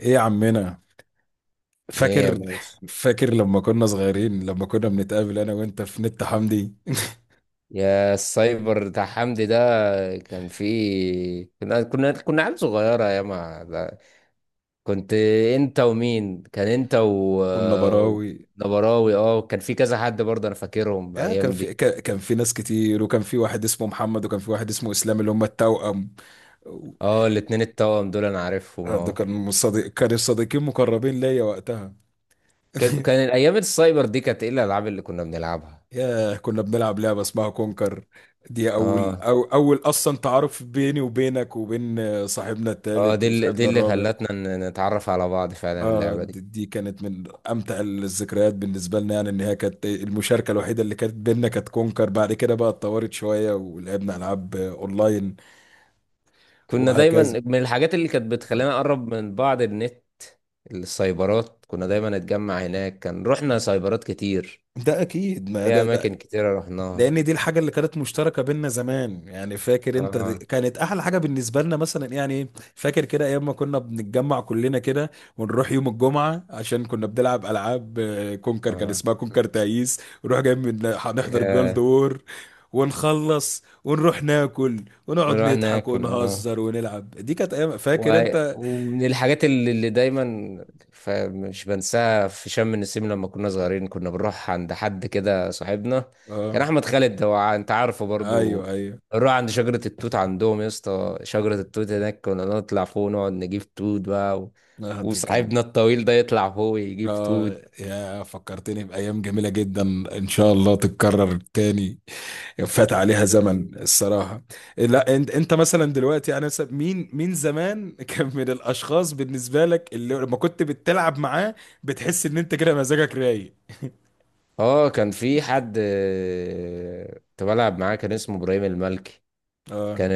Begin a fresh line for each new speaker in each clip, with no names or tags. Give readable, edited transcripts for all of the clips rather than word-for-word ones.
ايه يا عمنا؟
ايه يا
فاكر
باشا.
فاكر لما كنا صغيرين، لما كنا بنتقابل انا وانت في نت حمدي
يا السايبر بتاع حمدي ده. كان فيه كنا عيال صغيرة يا ما ده. كنت انت ومين كان انت.
والنبراوي
ونبراوي. اه، كان في كذا حد برضه انا فاكرهم
آه، كان
الايام
في
دي.
كان في ناس كتير، وكان في واحد اسمه محمد، وكان في واحد اسمه اسلام اللي هم التوأم.
اه الاتنين التوأم دول انا عارفهم
ده
اه.
كان صديق، كانوا صديقين مقربين ليا وقتها.
كان كان الايام السايبر دي كانت ايه الالعاب اللي كنا بنلعبها؟
ياه، كنا بنلعب لعبة اسمها كونكر. دي أول
اه.
أول أصلا تعارف بيني وبينك وبين صاحبنا
اه
التالت
دي اللي دي
وصاحبنا
اللي
الرابع.
خلتنا نتعرف على بعض فعلا
اه،
اللعبة
دي
دي.
دي كانت من امتع الذكريات بالنسبه لنا، يعني ان هي كانت المشاركه الوحيده اللي كانت بينا، كانت كونكر. بعد كده بقى اتطورت شويه ولعبنا العاب اونلاين
كنا دايما
وهكذا.
من الحاجات اللي كانت بتخلينا نقرب من بعض النت. السايبرات كنا دايما نتجمع هناك، كان رحنا سايبرات كتير
ده اكيد، ما
في
ده
أماكن كتيرة رحناها.
لان دي الحاجه اللي كانت مشتركه بينا زمان. يعني فاكر انت، دي
اه
كانت احلى حاجه بالنسبه لنا مثلا، يعني إيه؟ فاكر كده ايام ما كنا بنتجمع كلنا كده، ونروح يوم الجمعه عشان كنا بنلعب العاب كونكر، كان
اه
اسمها كونكر تعيس، ونروح جاي من هنحضر جولد
يا.
وور، ونخلص ونروح ناكل، ونقعد
نروح
نضحك
ناكل اه.
ونهزر ونلعب. دي كانت ايام، فاكر
و...
انت؟
ومن الحاجات اللي دايما مش بنساها في شم النسيم، لما كنا صغيرين كنا بنروح عند حد كده صاحبنا.
اه،
كان احمد خالد هو انت عارفه
ايوه
برضو.
ايوه.
نروح عند شجرة التوت عندهم، يا اسطى شجرة التوت هناك كنا نطلع فوق ونقعد نجيب توت بقى.
دي كان
وصاحبنا الطويل ده يطلع فوق يجيب
اه،
توت.
يا فكرتني بأيام جميلة جدا. إن شاء الله تتكرر تاني، فات عليها زمن الصراحة. لا انت، انت مثلا دلوقتي يعني مثلاً، مين زمان كان من الأشخاص بالنسبة لك اللي لما كنت بتلعب معاه بتحس إن انت كده مزاجك رايق؟
اه كان في حد كنت بلعب معاه كان اسمه ابراهيم المالكي.
اه،
كان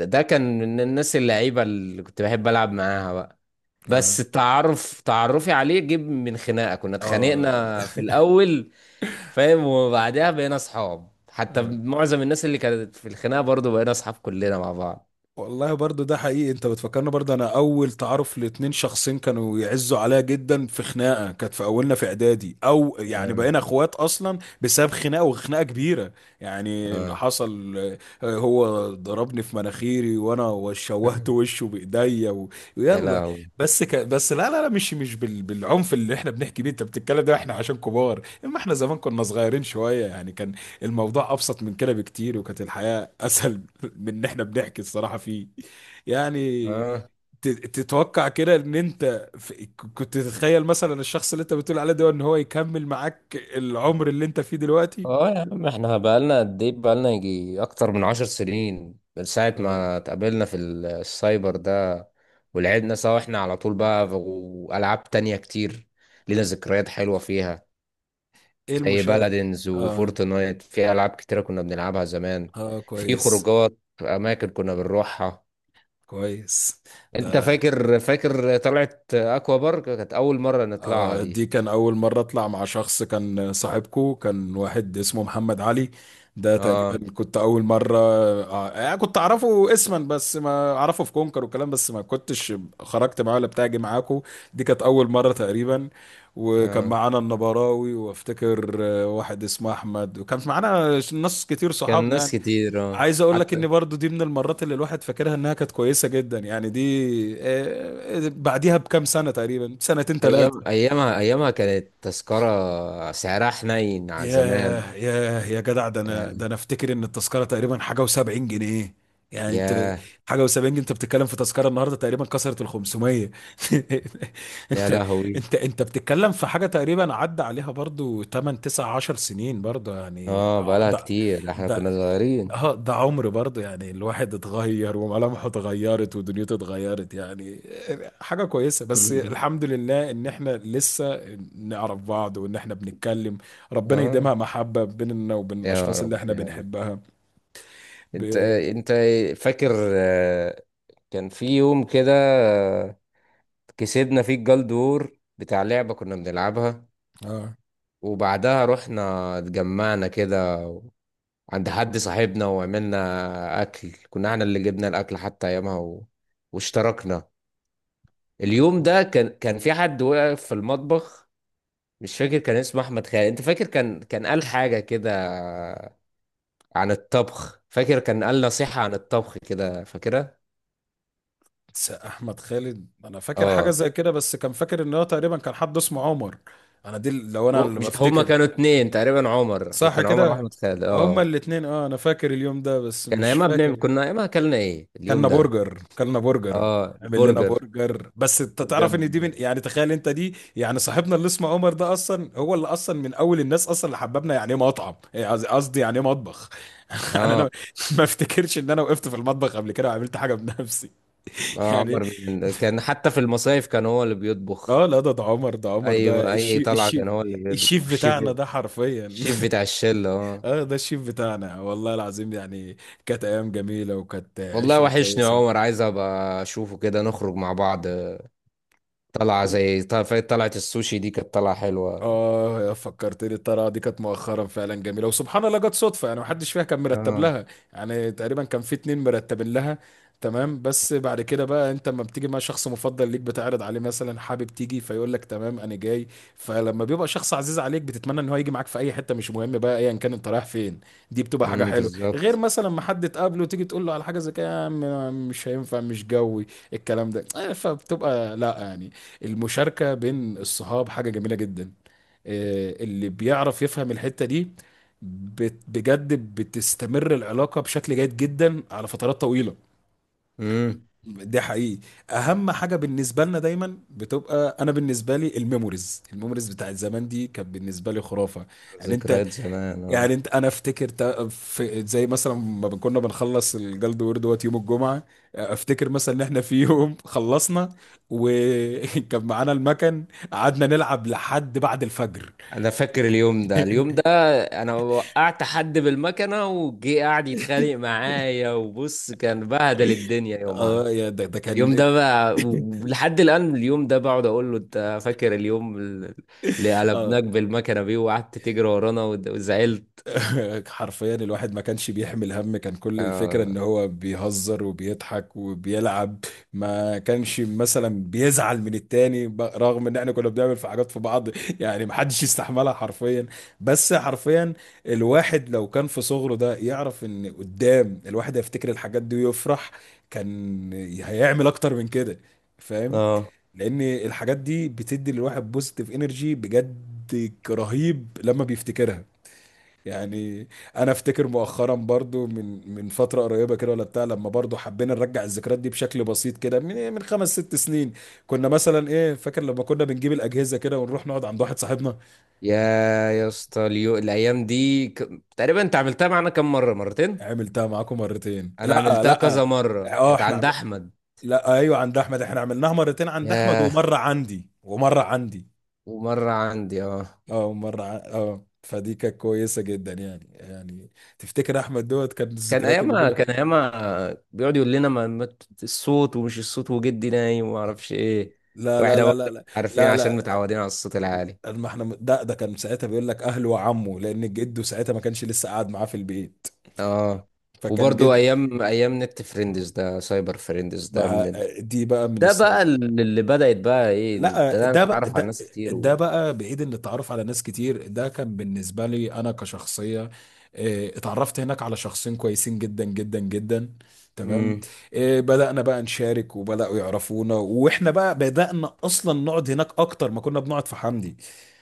ده كان من الناس اللعيبة اللي كنت بحب العب معاها بقى.
اه،
بس التعرف تعرفي عليه جيب من خناقه، كنا
اه.
اتخانقنا في الاول. فاهم، وبعدها بقينا اصحاب، حتى
آه.
معظم الناس اللي كانت في الخناقه برضو بقينا اصحاب كلنا مع بعض.
والله برضو ده حقيقي، انت بتفكرنا برضو. انا اول تعارف لاتنين شخصين كانوا يعزوا عليا جدا في خناقه، كانت في اولنا في اعدادي، او يعني
اه.
بقينا اخوات اصلا بسبب خناقه، وخناقه كبيره يعني اللي
اه
حصل. هو ضربني في مناخيري، وانا شوهت وشه بايديا
يا
ويلا.
لهوي.
بس بس لا مش بالعنف اللي احنا بنحكي بيه انت بتتكلم، ده احنا عشان كبار، اما احنا زمان كنا صغيرين شويه يعني، كان الموضوع ابسط من كده بكتير، وكانت الحياه اسهل من ان احنا بنحكي الصراحه فيه يعني.
اه.
ت- تتوقع كده ان انت كنت تتخيل مثلا الشخص اللي انت بتقول عليه ده ان هو يكمل معاك العمر اللي انت فيه دلوقتي؟
اه يا عم، احنا بقالنا قد ايه؟ بقالنا يجي اكتر من 10 سنين من ساعة
آه.
ما اتقابلنا في السايبر ده. ولعبنا سوا احنا على طول بقى والعاب تانية كتير لينا ذكريات حلوة فيها،
ايه
زي
المشاركه؟
بلدنز
اه،
وفورتنايت. في ألعاب كتيرة كنا بنلعبها زمان،
اه
في
كويس.
خروجات أماكن كنا بنروحها.
كويس.
أنت
ده
فاكر طلعت أكوا بارك؟ كانت أول مرة نطلعها دي.
دي كان أول مرة أطلع مع شخص كان صاحبكو، كان واحد اسمه محمد علي. ده
آه
تقريبا كنت أول مرة، كنت أعرفه اسما بس، ما أعرفه في كونكر والكلام بس، ما كنتش خرجت معاه ولا بتاعي معاكو. دي كانت أول مرة تقريبا. وكان
آه.
معانا النبراوي، وافتكر واحد اسمه أحمد، وكان معانا ناس كتير
كان
صحابنا
ناس
يعني.
كتير
عايز أقول لك إن
حتى.
برضو دي من المرات اللي الواحد فاكرها إنها كانت كويسة جدا، يعني دي بعديها بكام سنة تقريبا، سنتين
أيام
ثلاثة.
أيامها أيامها كانت تذكرة سعرها حنين على زمان
ياه، ياه، يا جدع، ده انا ده
يعني.
انا افتكر ان التذكره تقريبا حاجه و70 جنيه يعني. انت
يا
حاجه و70 جنيه انت بتتكلم، في تذكره النهارده تقريبا كسرت ال 500.
يا
انت
لهوي.
انت بتتكلم في حاجه تقريبا عدى عليها برضو 8 9 10 سنين برضو، يعني
آه
ده
بقالها
ده
كتير ده، إحنا كنا
ده
صغيرين.
اه، ده عمر برضه يعني، الواحد اتغير وملامحه اتغيرت ودنيته اتغيرت يعني. حاجة كويسة، بس الحمد لله ان احنا لسه نعرف بعض وان احنا بنتكلم. ربنا
اه
يديمها محبة بيننا وبين
يا
الاشخاص اللي
رب
احنا
يا رب.
بنحبها.
انت
ب...
انت فاكر كان في يوم كده كسبنا فيه الجلدور بتاع لعبة كنا بنلعبها.
اه.
وبعدها رحنا اتجمعنا كده عند حد صاحبنا وعملنا أكل، كنا احنا اللي جبنا الأكل حتى أيامها. واشتركنا. اليوم ده كان في حد واقف في المطبخ، مش فاكر كان اسمه أحمد خالد. أنت فاكر كان قال حاجة كده عن الطبخ؟ فاكر كان قال نصيحة عن الطبخ كده؟ فاكرها؟
احمد خالد انا فاكر حاجة
اه.
زي كده، بس كان فاكر ان هو تقريبا كان حد اسمه عمر. انا دي لو انا اللي
مش هما
بفتكر.
كانوا اتنين تقريبا، عمر هو
صح
كان عمر
كده.
واحمد خالد
هما
اه.
الاتنين، اه انا فاكر اليوم ده بس
كان
مش
ايامها
فاكر.
بنعمل، كنا ايامها اكلنا ايه
كلنا
اليوم ده؟
برجر، كلنا برجر.
اه
عمل لنا
البرجر.
برجر. بس انت تعرف ان
وجاب.
دي من، يعني تخيل انت، دي يعني صاحبنا اللي اسمه عمر ده اصلا، هو اللي اصلا من اول الناس اصلا اللي حببنا يعني ايه مطعم، إيه قصدي، يعني ايه مطبخ. يعني
اه
انا ما افتكرش ان انا وقفت في المطبخ قبل كده وعملت حاجه بنفسي.
اه
يعني
عمر من كان حتى في المصايف كان هو اللي
اه
بيطبخ.
لا، ده عمر، ده عمر
اي
ده
اي
الشيف،
طلعه
الشيف،
كان هو اللي بيطبخ
الشيف
الشيف،
بتاعنا ده حرفيا.
الشيف بتاع الشله اه.
اه، ده الشيف بتاعنا والله العظيم يعني. كانت ايام جميله، وكانت
والله
عشره
وحشني يا
كويسه.
عمر، عايز ابقى اشوفه كده نخرج مع بعض. طلعه زي طلعه طلعة السوشي دي كانت طلعه حلوه.
اه فكرتني، الطريقه دي كانت مؤخرا فعلا جميله، وسبحان الله جت صدفه، يعني محدش فيها كان مرتب
اه.
لها. يعني تقريبا كان في اتنين مرتبين لها. تمام. بس بعد كده بقى انت لما بتيجي مع شخص مفضل ليك بتعرض عليه مثلا حابب تيجي، فيقول لك تمام انا جاي. فلما بيبقى شخص عزيز عليك بتتمنى ان هو يجي معاك في اي حته مش مهم بقى ايا كان انت رايح فين. دي بتبقى حاجه حلوه، غير
بالظبط.
مثلا ما حد تقابله تيجي تقول له على حاجه زي كده يا عم، مش هينفع مش جوي الكلام ده، فبتبقى لا يعني. المشاركه بين الصحاب حاجه جميله جدا، اللي بيعرف يفهم الحتة دي بجد بتستمر العلاقة بشكل جيد جدا على فترات طويلة.
امم.
ده حقيقي. اهم حاجة بالنسبة لنا دايما بتبقى، انا بالنسبة لي الميموريز، الميموريز بتاعت زمان دي كانت بالنسبة لي خرافة. يعني انت،
ذكريات زمان
يعني
اه.
انت انا افتكر في زي مثلا ما كنا بنخلص الجلد وورد دوت يوم الجمعة. افتكر مثلا ان احنا في يوم خلصنا، وكان معانا المكن، قعدنا نلعب لحد بعد الفجر.
انا فاكر اليوم ده، انا وقعت حد بالمكنه وجي قاعد يتخانق معايا وبص كان بهدل الدنيا يومها.
اه يا، ده
اليوم
كان
ده بقى لحد الان، اليوم ده بقعد اقول له انت فاكر اليوم اللي
اه.
قلبناك بالمكنه بيه وقعدت تجري ورانا وزعلت.
حرفيا الواحد ما كانش بيحمل هم، كان كل الفكرة ان
آه.
هو بيهزر وبيضحك وبيلعب. ما كانش مثلا بيزعل من التاني، رغم ان احنا كنا بنعمل في حاجات في بعض يعني ما حدش يستحملها حرفيا. بس حرفيا الواحد لو كان في صغره ده يعرف ان قدام الواحد هيفتكر الحاجات دي ويفرح، كان هيعمل اكتر من كده.
اه
لان الحاجات دي بتدي للواحد بوزيتيف انرجي بجد، رهيب لما بيفتكرها يعني. انا افتكر مؤخرا برضو، من فتره قريبه كده ولا بتاع، لما برضو حبينا نرجع الذكريات دي بشكل بسيط كده من من خمس ست سنين. كنا مثلا ايه، فاكر لما كنا بنجيب الاجهزه كده ونروح نقعد عند واحد صاحبنا؟
يا يا اسطى، الايام دي تقريبا انت عملتها معانا كم مره؟ مرتين.
عملتها معاكم مرتين،
انا
لا
عملتها
لا.
كذا مره،
اه
كانت
احنا
عند احمد.
لا ايوه، عند احمد احنا عملناها مرتين، عند احمد
ياه.
ومره عندي، ومره عندي.
ومره عندي اه.
اه مرة اه فدي كانت كويسة جدا يعني يعني. تفتكر احمد دوت كان
كان
الذكريات اللي
ايامها
بينك؟
كان ايامها بيقعد يقول لنا الصوت ومش الصوت وجدي نايم وما اعرفش ايه.
لا لا
واحنا
لا لا
برضه
لا
عارفين
لا
عشان متعودين على الصوت العالي.
لا ما احنا، ده كان ساعتها بيقول لك اهله وعمه، لان جده ساعتها ما كانش لسه قاعد معاه في البيت.
اه.
فكان
وبرضه
جد
ايام نت فريندز ده، سايبر فريندز ده من
ما.
ال...
دي بقى من
ده بقى اللي بدأت بقى ايه انت
لا
ده
ده بقى
اتعرف على
ده،
ناس كتير
ده
و
بقى بعيد عن التعرف على ناس كتير. ده كان بالنسبة لي أنا كشخصية، اتعرفت هناك على شخصين كويسين جدا جدا جدا. تمام.
امم
بدأنا بقى نشارك وبدأوا يعرفونا، وإحنا بقى بدأنا أصلا نقعد هناك أكتر ما كنا بنقعد في حمدي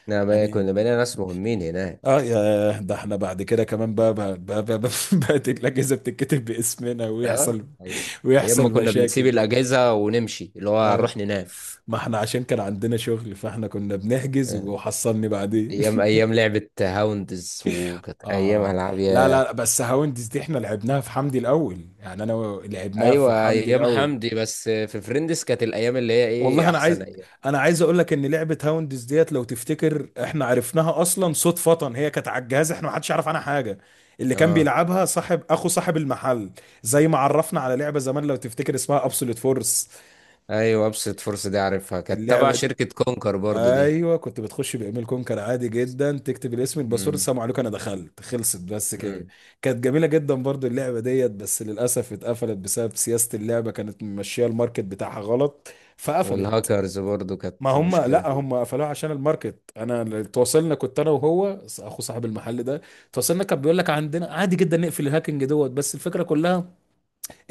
بقى
يعني.
كنا بقينا ناس مهمين
اه
هناك.
يا، ده احنا بعد كده كمان بقى بقى الأجهزة بتتكتب باسمنا،
اه
ويحصل
ايام ما
ويحصل
كنا بنسيب
مشاكل.
الاجهزه ونمشي اللي هو
اه،
هنروح ننام.
ما احنا عشان كان عندنا شغل، فاحنا كنا بنحجز
آه.
وحصلني بعدين.
ايام لعبه هاوندز، وكانت ايام
اه
العاب
لا
يا.
لا، بس هاوندز دي احنا لعبناها في حمدي الاول، يعني انا لعبناها في
ايوه
حمدي
ايام
الاول.
حمدي، بس في فريندز كانت الايام اللي هي
والله
ايه
انا
احسن
عايز،
ايام.
انا عايز اقول لك ان لعبه هاوندز ديت لو تفتكر احنا عرفناها اصلا صدفه، هي كانت على الجهاز، احنا ما حدش يعرف عنها حاجه، اللي كان
اه
بيلعبها صاحب اخو صاحب المحل. زي ما عرفنا على لعبه زمان لو تفتكر اسمها ابسولوت فورس،
ايوه ابسط فرصه دي عارفها، كانت تبع
اللعبه دي.
شركه كونكر برضو دي.
ايوه كنت بتخش بايميل كونكر عادي جدا، تكتب الاسم الباسورد،
امم،
السلام عليكم انا دخلت، خلصت بس كده.
امم.
كانت جميله جدا برضو اللعبه ديت، بس للاسف اتقفلت بسبب سياسه، اللعبه كانت ماشيه الماركت بتاعها غلط فقفلت.
والهاكرز برضو
ما
كانت
هم،
مشكله
لا
دي.
هم قفلوها عشان الماركت. انا اللي تواصلنا، كنت انا وهو اخو صاحب المحل ده. تواصلنا كان بيقول لك عندنا عادي جدا نقفل الهاكينج دوت، بس الفكره كلها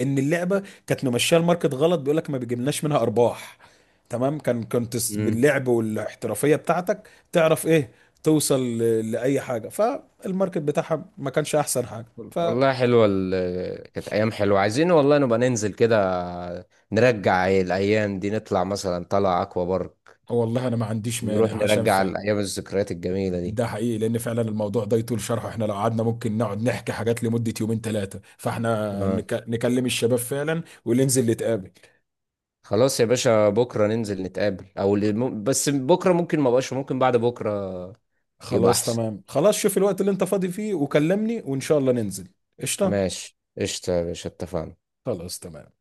ان اللعبه كانت ممشيه الماركت غلط، بيقول لك ما بيجيبلناش منها ارباح. تمام، كان كنت
امم.
باللعب والاحترافيه بتاعتك تعرف ايه، توصل لاي حاجه، فالماركت بتاعها ما كانش احسن حاجه ف.
والله حلوه كانت ايام حلوه، عايزين والله نبقى ننزل كده نرجع الايام دي، نطلع مثلا طلع اكوا بارك،
والله انا ما عنديش
نروح
مانع عشان
نرجع
فعلا،
الايام الذكريات الجميله دي.
ده حقيقي. لان فعلا الموضوع ده يطول شرحه، احنا لو قعدنا ممكن نقعد نحكي حاجات لمدة يومين ثلاثة، فاحنا
اه
نكلم الشباب فعلا وننزل نتقابل.
خلاص يا باشا، بكرة ننزل نتقابل، او اللي بس بكرة ممكن ما بقاش، ممكن بعد بكرة يبقى
خلاص
احسن.
تمام. خلاص شوف الوقت اللي انت فاضي فيه وكلمني، وان شاء الله ننزل. قشطه.
ماشي قشطة يا باشا، اتفقنا.
خلاص تمام.